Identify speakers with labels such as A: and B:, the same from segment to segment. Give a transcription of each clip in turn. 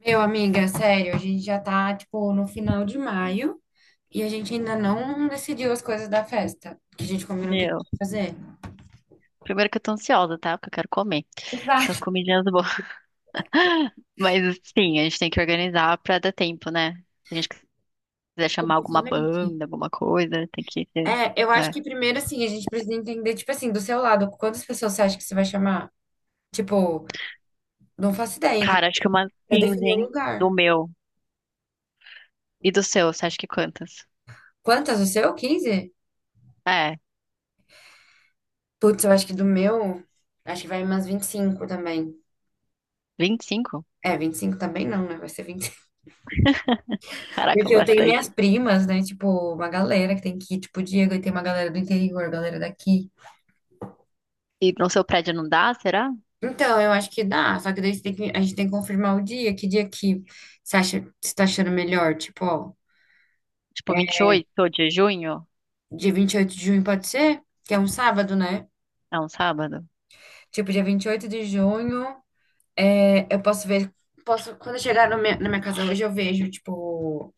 A: Meu, amiga, sério, a gente já tá, tipo, no final de maio e a gente ainda não decidiu as coisas da festa, que a gente combinou que a gente
B: Meu,
A: ia fazer.
B: primeiro que eu tô ansiosa, tá? Porque eu quero comer. Então, as
A: Exato.
B: comidinhas boas. Mas, sim, a gente tem que organizar pra dar tempo, né? Se a gente quiser chamar alguma
A: Justamente.
B: banda, alguma coisa, tem que ter.
A: É, eu acho
B: É.
A: que primeiro, assim, a gente precisa entender, tipo assim, do seu lado, quantas pessoas você acha que você vai chamar? Tipo, não faço ideia, entendeu?
B: Cara, acho que umas
A: Eu
B: 15,
A: defini o
B: hein? Do
A: lugar.
B: meu. E do seu, você acha que quantas?
A: Quantas? O seu? 15?
B: É,
A: Putz, eu acho que do meu, acho que vai umas 25 também.
B: vinte e cinco.
A: É, 25 também não, né? Vai ser.
B: Caraca,
A: Porque eu tenho minhas
B: bastante.
A: primas, né? Tipo, uma galera que tem que ir, tipo, o Diego, e tem uma galera do interior, galera daqui.
B: E no seu prédio não dá, será?
A: Então, eu acho que dá, só que daí a gente tem que confirmar o dia que você acha, você tá achando melhor, tipo, ó,
B: Tipo, 28 de junho?
A: dia 28 de junho pode ser? Que é um sábado, né?
B: É um sábado?
A: Tipo, dia 28 de junho, é, eu posso ver, posso, quando eu chegar no minha- na minha casa hoje, eu vejo, tipo,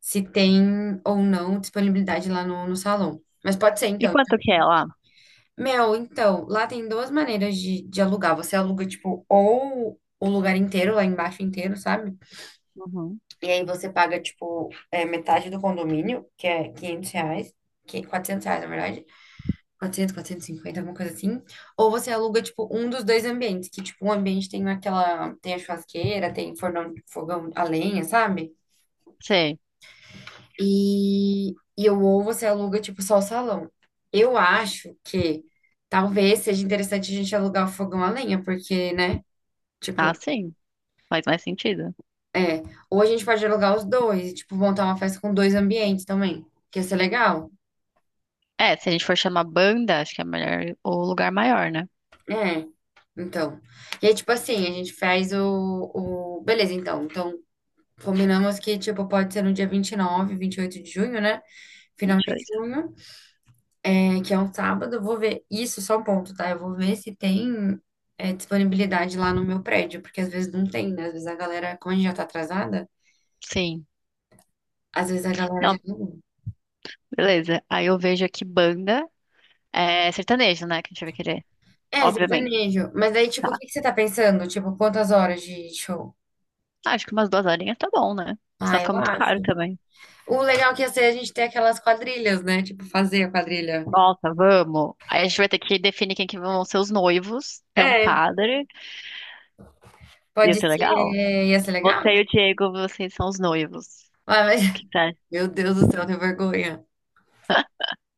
A: se tem ou não disponibilidade lá no salão. Mas pode ser,
B: E
A: então,
B: quanto que é lá?
A: Mel, então, lá tem duas maneiras de alugar. Você aluga, tipo, ou o lugar inteiro, lá embaixo inteiro, sabe?
B: Uhum.
A: E aí você paga, tipo, é, metade do condomínio, que é R$ 500, que, R$ 400, na verdade. Quatrocentos e cinquenta, alguma coisa assim. Ou você aluga, tipo, um dos dois ambientes, que, tipo, um ambiente tem aquela, tem a churrasqueira, tem fornão, fogão a lenha, sabe?
B: Sei.
A: E, e eu ou você aluga, tipo, só o salão. Eu acho que talvez seja interessante a gente alugar o fogão a lenha, porque, né?
B: Ah,
A: Tipo,
B: sim. Faz mais sentido.
A: é. Ou a gente pode alugar os dois, tipo, montar uma festa com dois ambientes também, que ia ser legal.
B: É, se a gente for chamar banda, acho que é melhor o lugar maior, né?
A: É. Então. E aí, tipo assim, a gente faz o... Beleza, então. Então, combinamos que, tipo, pode ser no dia 29, 28 de junho, né? Final de
B: 22.
A: junho. É que é um sábado, eu vou ver. Isso, é só um ponto, tá? Eu vou ver se tem, é, disponibilidade lá no meu prédio, porque às vezes não tem, né? Às vezes a galera, como a gente já tá atrasada,
B: Sim.
A: às vezes a galera já
B: Não,
A: não.
B: beleza. Aí eu vejo aqui banda é sertanejo, né? Que a gente vai querer,
A: É,
B: obviamente.
A: sertanejo. Mas aí, tipo, o
B: Tá.
A: que que você tá pensando? Tipo, quantas horas de show?
B: Ah, acho que umas duas horinhas tá bom, né? Senão
A: Ah, eu
B: fica muito
A: acho.
B: caro também.
A: O legal que ia ser a gente ter aquelas quadrilhas, né? Tipo, fazer a quadrilha.
B: Nossa, vamos. Aí a gente vai ter que definir quem que vão ser os noivos. Tem um
A: É,
B: padre. Ia
A: pode
B: ser legal.
A: ser. Ia ser
B: Você
A: legal?
B: e o Diego, vocês são os noivos.
A: Ah, mas...
B: O que tá?
A: Meu Deus do céu, eu tenho vergonha.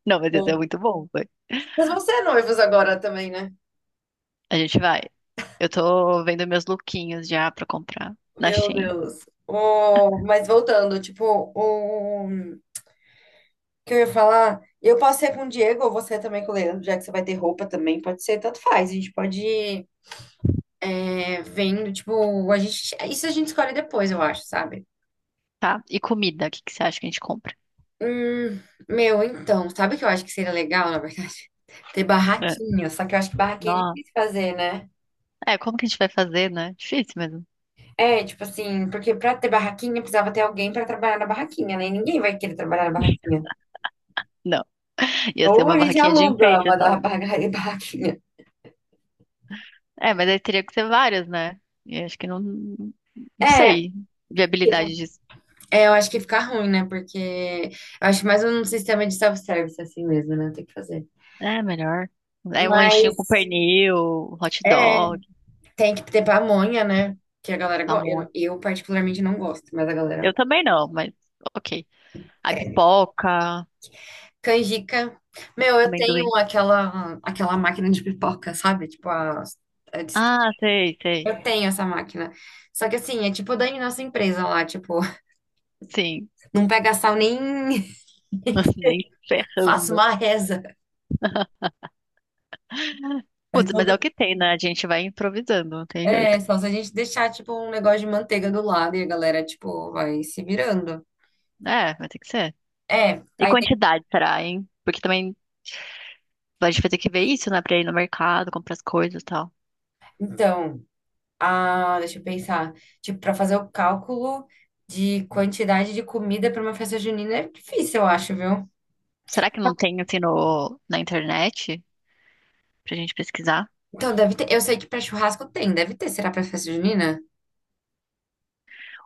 B: Não, mas ia ser
A: Bom,
B: muito bom. Vai.
A: mas vão ser noivos agora também, né?
B: A gente vai. Eu tô vendo meus lookinhos já pra comprar na
A: Meu
B: Shein.
A: Deus. O... Mas voltando, tipo, o que eu ia falar, eu posso ser com o Diego ou você também com o Leandro, já que você vai ter roupa também, pode ser, tanto faz. A gente pode, é, vendo, tipo, a gente... isso a gente escolhe depois, eu acho, sabe?
B: Tá? E comida, o que que você acha que a gente compra?
A: Hum, meu, então, sabe o que eu acho que seria legal, na verdade? Ter
B: É.
A: barraquinha, só que eu acho que barraquinha é
B: Nó.
A: difícil fazer, né?
B: É, como que a gente vai fazer, né? Difícil mesmo.
A: É, tipo assim, porque pra ter barraquinha precisava ter alguém pra trabalhar na barraquinha, né? E ninguém vai querer trabalhar na barraquinha.
B: Não. Ia ser
A: Ou
B: uma
A: a gente
B: barraquinha de
A: aluga
B: enfeite
A: uma da
B: só.
A: barraquinha.
B: É, mas aí teria que ser várias, né? E acho que não, não
A: É,
B: sei.
A: fica-
B: Viabilidade disso.
A: é, eu acho que fica ruim, né? Porque eu acho mais um sistema de self-service assim mesmo, né? Tem que fazer.
B: É, melhor. É um lanchinho com
A: Mas
B: pernil, hot
A: é,
B: dog,
A: tem que ter pamonha, né? Que a galera gosta.
B: pamonha.
A: Eu particularmente não gosto, mas a galera
B: Eu também não, mas ok. Aí
A: quer.
B: pipoca,
A: Canjica. Meu, eu
B: amendoim.
A: tenho aquela máquina de pipoca, sabe? Tipo a dist-
B: Ah, sei, sei.
A: eu tenho essa máquina. Só que assim, é tipo da nossa empresa lá, tipo,
B: Sim,
A: não pega sal nem
B: nem
A: faço
B: ferrando.
A: uma reza.
B: Putz, mas é o que tem, né? A gente vai improvisando, não tem jeito.
A: É, só se a gente deixar, tipo, um negócio de manteiga do lado e a galera, tipo, vai se virando.
B: É, vai ter que ser.
A: É,
B: E quantidade, será, hein? Porque também a gente vai ter que ver isso, né? Pra ir no mercado, comprar as coisas e tal.
A: então, ah, deixa eu pensar. Tipo, pra fazer o cálculo de quantidade de comida pra uma festa junina é difícil, eu acho, viu?
B: Será que não tem, assim, no, na internet pra gente pesquisar?
A: Então, deve ter. Eu sei que pra churrasco tem, deve ter. Será pra festa junina?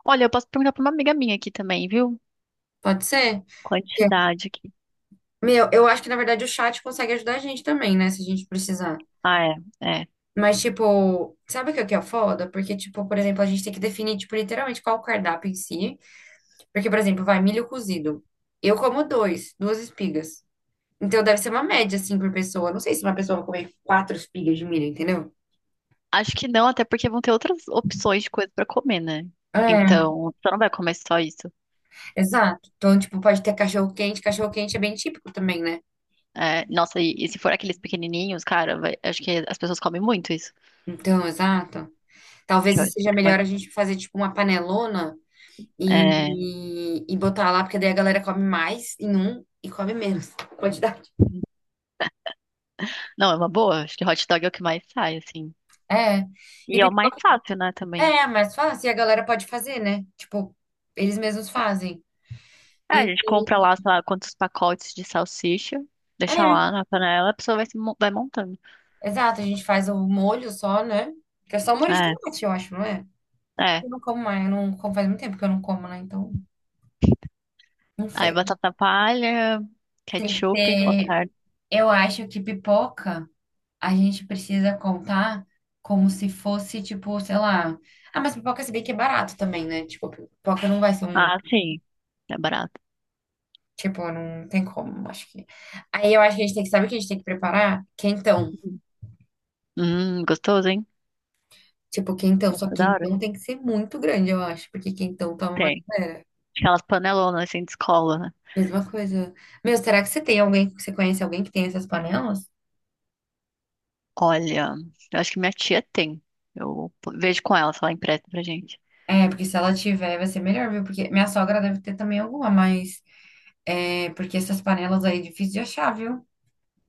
B: Olha, eu posso perguntar pra uma amiga minha aqui também, viu?
A: Pode ser? Que...
B: Quantidade aqui.
A: Meu, eu acho que na verdade o chat consegue ajudar a gente também, né? Se a gente precisar.
B: Ah, é, é.
A: Mas, tipo, sabe o que que é foda? Porque, tipo, por exemplo, a gente tem que definir, tipo, literalmente qual o cardápio em si. Porque, por exemplo, vai milho cozido. Eu como duas espigas. Então deve ser uma média, assim, por pessoa. Não sei se uma pessoa vai comer quatro espigas de milho, entendeu?
B: Acho que não, até porque vão ter outras opções de coisa pra comer, né?
A: É,
B: Então, você não vai comer só isso.
A: exato. Então, tipo, pode ter cachorro-quente. Cachorro-quente é bem típico também, né?
B: É, nossa, e se for aqueles pequenininhos, cara, acho que as pessoas comem muito isso.
A: Então, exato. Talvez
B: Que eu acho que é o
A: seja
B: que
A: melhor
B: mais...
A: a gente fazer, tipo, uma panelona
B: É,
A: e botar lá, porque daí a galera come mais em um e come menos quantidade.
B: não, é uma boa. Acho que hot dog é o que mais sai, assim.
A: É.
B: E
A: E
B: é o mais
A: pipoca
B: fácil, né, também.
A: é mais fácil e a galera pode fazer, né? Tipo, eles mesmos fazem.
B: É, a
A: E,
B: gente compra lá, sei lá, quantos pacotes de salsicha,
A: é,
B: deixa lá na panela, a pessoa vai, se mo- vai montando.
A: exato, a gente faz o molho só, né? Que é só molho de
B: É,
A: tomate, eu acho, não é?
B: é.
A: Eu não como mais, eu não como faz muito tempo que eu não como, né? Então, não
B: Aí
A: sei.
B: batata palha, ketchup,
A: É,
B: mostarda.
A: eu acho que pipoca a gente precisa contar como se fosse, tipo, sei lá. Ah, mas pipoca se bem que é barato também, né? Tipo, pipoca não vai ser um.
B: Ah, sim, é barato.
A: Tipo, não tem como, acho que. Aí eu acho que a gente tem que, sabe o que a gente tem que preparar? Quentão.
B: Uhum. Gostoso, hein?
A: Tipo, quentão, só
B: Gostoso
A: que
B: da hora.
A: quentão tem que ser muito grande, eu acho, porque quentão toma uma
B: Tem.
A: galera.
B: Aquelas panelonas assim de escola, né?
A: Mesma coisa. Meu, será que você tem alguém, você conhece alguém que tem essas panelas?
B: Olha, eu acho que minha tia tem. Eu vejo com ela se ela empresta pra gente.
A: É, porque se ela tiver, vai ser melhor, viu? Porque minha sogra deve ter também alguma, mas é porque essas panelas aí é difícil de achar, viu?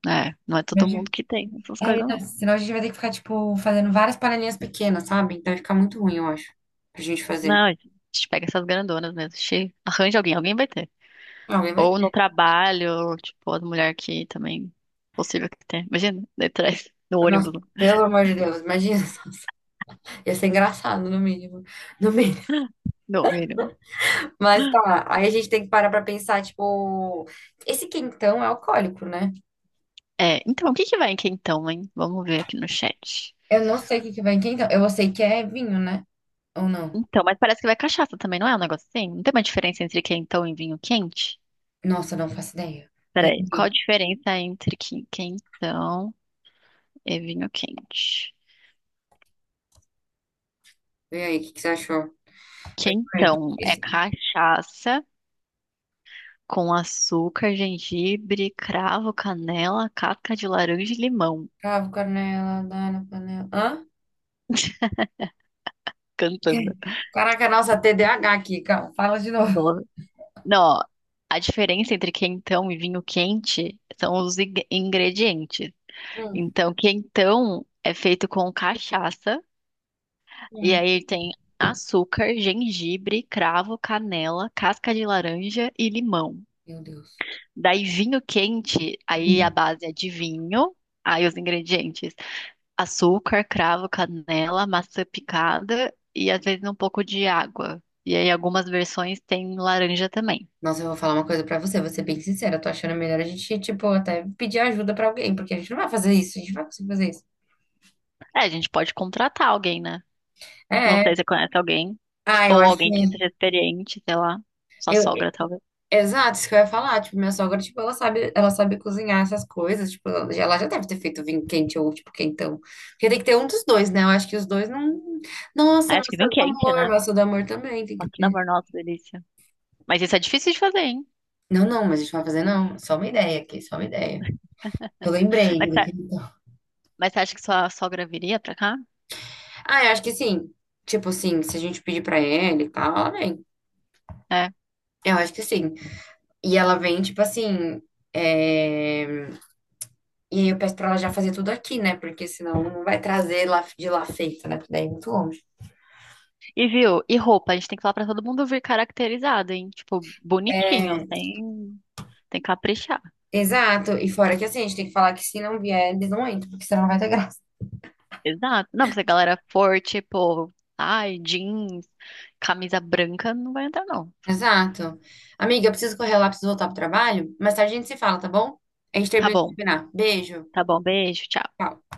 B: É, não é todo
A: Imagina.
B: mundo que tem essas
A: É,
B: coisas,
A: então,
B: não.
A: senão a gente vai ter que ficar, tipo, fazendo várias panelinhas pequenas, sabe? Então vai ficar muito ruim, eu acho, pra gente fazer.
B: Não, a gente pega essas grandonas mesmo. Arranja alguém, alguém vai ter.
A: Alguém vai
B: Ou no
A: ter.
B: trabalho, tipo, as mulheres que também. Possível que tenha. Imagina, daí atrás, no
A: Nossa,
B: ônibus,
A: pelo amor de Deus, imagina só. Ia ser engraçado, no mínimo. No mínimo.
B: no mínimo.
A: Mas tá, aí a gente tem que parar pra pensar, tipo, esse quentão é alcoólico, né?
B: É, então, o que que vai em quentão, hein? Vamos ver aqui no chat.
A: Eu não sei o que que vai em quem, então. Eu sei que é vinho, né? Ou não?
B: Então, mas parece que vai cachaça também, não é um negócio assim? Não tem uma diferença entre quentão e vinho quente?
A: Nossa, não faço ideia. Vem
B: Peraí, qual a
A: aqui.
B: diferença entre quentão e vinho quente?
A: Vem aí, o que que você achou? Perfeito.
B: Quentão é
A: Esse.
B: cachaça com açúcar, gengibre, cravo, canela, casca de laranja e limão.
A: Cravo, canela, dá na panela. Hã? O quê?
B: Cantando.
A: Caraca, nossa, TDAH aqui, calma. Fala de novo.
B: Não, a diferença entre quentão e vinho quente são os ingredientes.
A: Hum,
B: Então, quentão é feito com cachaça, e
A: hum.
B: aí tem açúcar, gengibre, cravo, canela, casca de laranja e limão.
A: Meu Deus.
B: Daí, vinho quente, aí a
A: Não.
B: base é de vinho, aí os ingredientes: açúcar, cravo, canela, maçã picada e às vezes um pouco de água. E aí, algumas versões têm laranja também.
A: Nossa, eu vou falar uma coisa pra você, vou ser bem sincera. Eu tô achando melhor a gente, tipo, até pedir ajuda pra alguém, porque a gente não vai fazer isso, a gente não vai conseguir fazer isso.
B: É, a gente pode contratar alguém, né? Não
A: É,
B: sei
A: é.
B: se você conhece alguém,
A: Ah, eu
B: ou
A: acho que.
B: alguém que seja experiente, sei lá. Sua sogra, talvez.
A: Exato, isso que eu ia falar. Tipo, minha sogra, tipo, ela sabe cozinhar essas coisas. Tipo, ela já deve ter feito vinho quente ou, tipo, quentão. Porque tem que ter um dos dois, né? Eu acho que os dois não. Nossa,
B: Ah, acho que vinho quente, né?
A: maçã do amor também tem que
B: Nossa, pelo
A: ter.
B: amor, nossa, delícia. Mas isso é difícil de fazer, hein?
A: Não, não, mas a gente não vai fazer, não. Só uma ideia aqui, só uma ideia. Eu lembrei
B: Mas,
A: do
B: tá-
A: que.
B: mas você acha que sua sogra viria pra cá?
A: Ah, eu acho que sim. Tipo assim, se a gente pedir pra ele e tal, ela vem.
B: É.
A: Eu acho que sim. E ela vem, tipo assim. É, e aí eu peço pra ela já fazer tudo aqui, né? Porque senão não vai trazer lá de lá feito, né? Porque daí é muito longe.
B: E viu? E roupa? A gente tem que falar pra todo mundo vir caracterizado, hein? Tipo, bonitinho, sem, caprichar.
A: Exato. E fora que assim, a gente tem que falar que se não vier, eles não entram, porque senão não vai ter graça.
B: Exato. Não, se a galera for, tipo, ai, jeans, camisa branca, não vai entrar, não.
A: Exato. Amiga, eu preciso correr lá, preciso voltar pro trabalho. Mais tarde a gente se fala, tá bom? A gente
B: Tá
A: termina de
B: bom,
A: combinar. Beijo.
B: tá bom, beijo, tchau.
A: Tchau.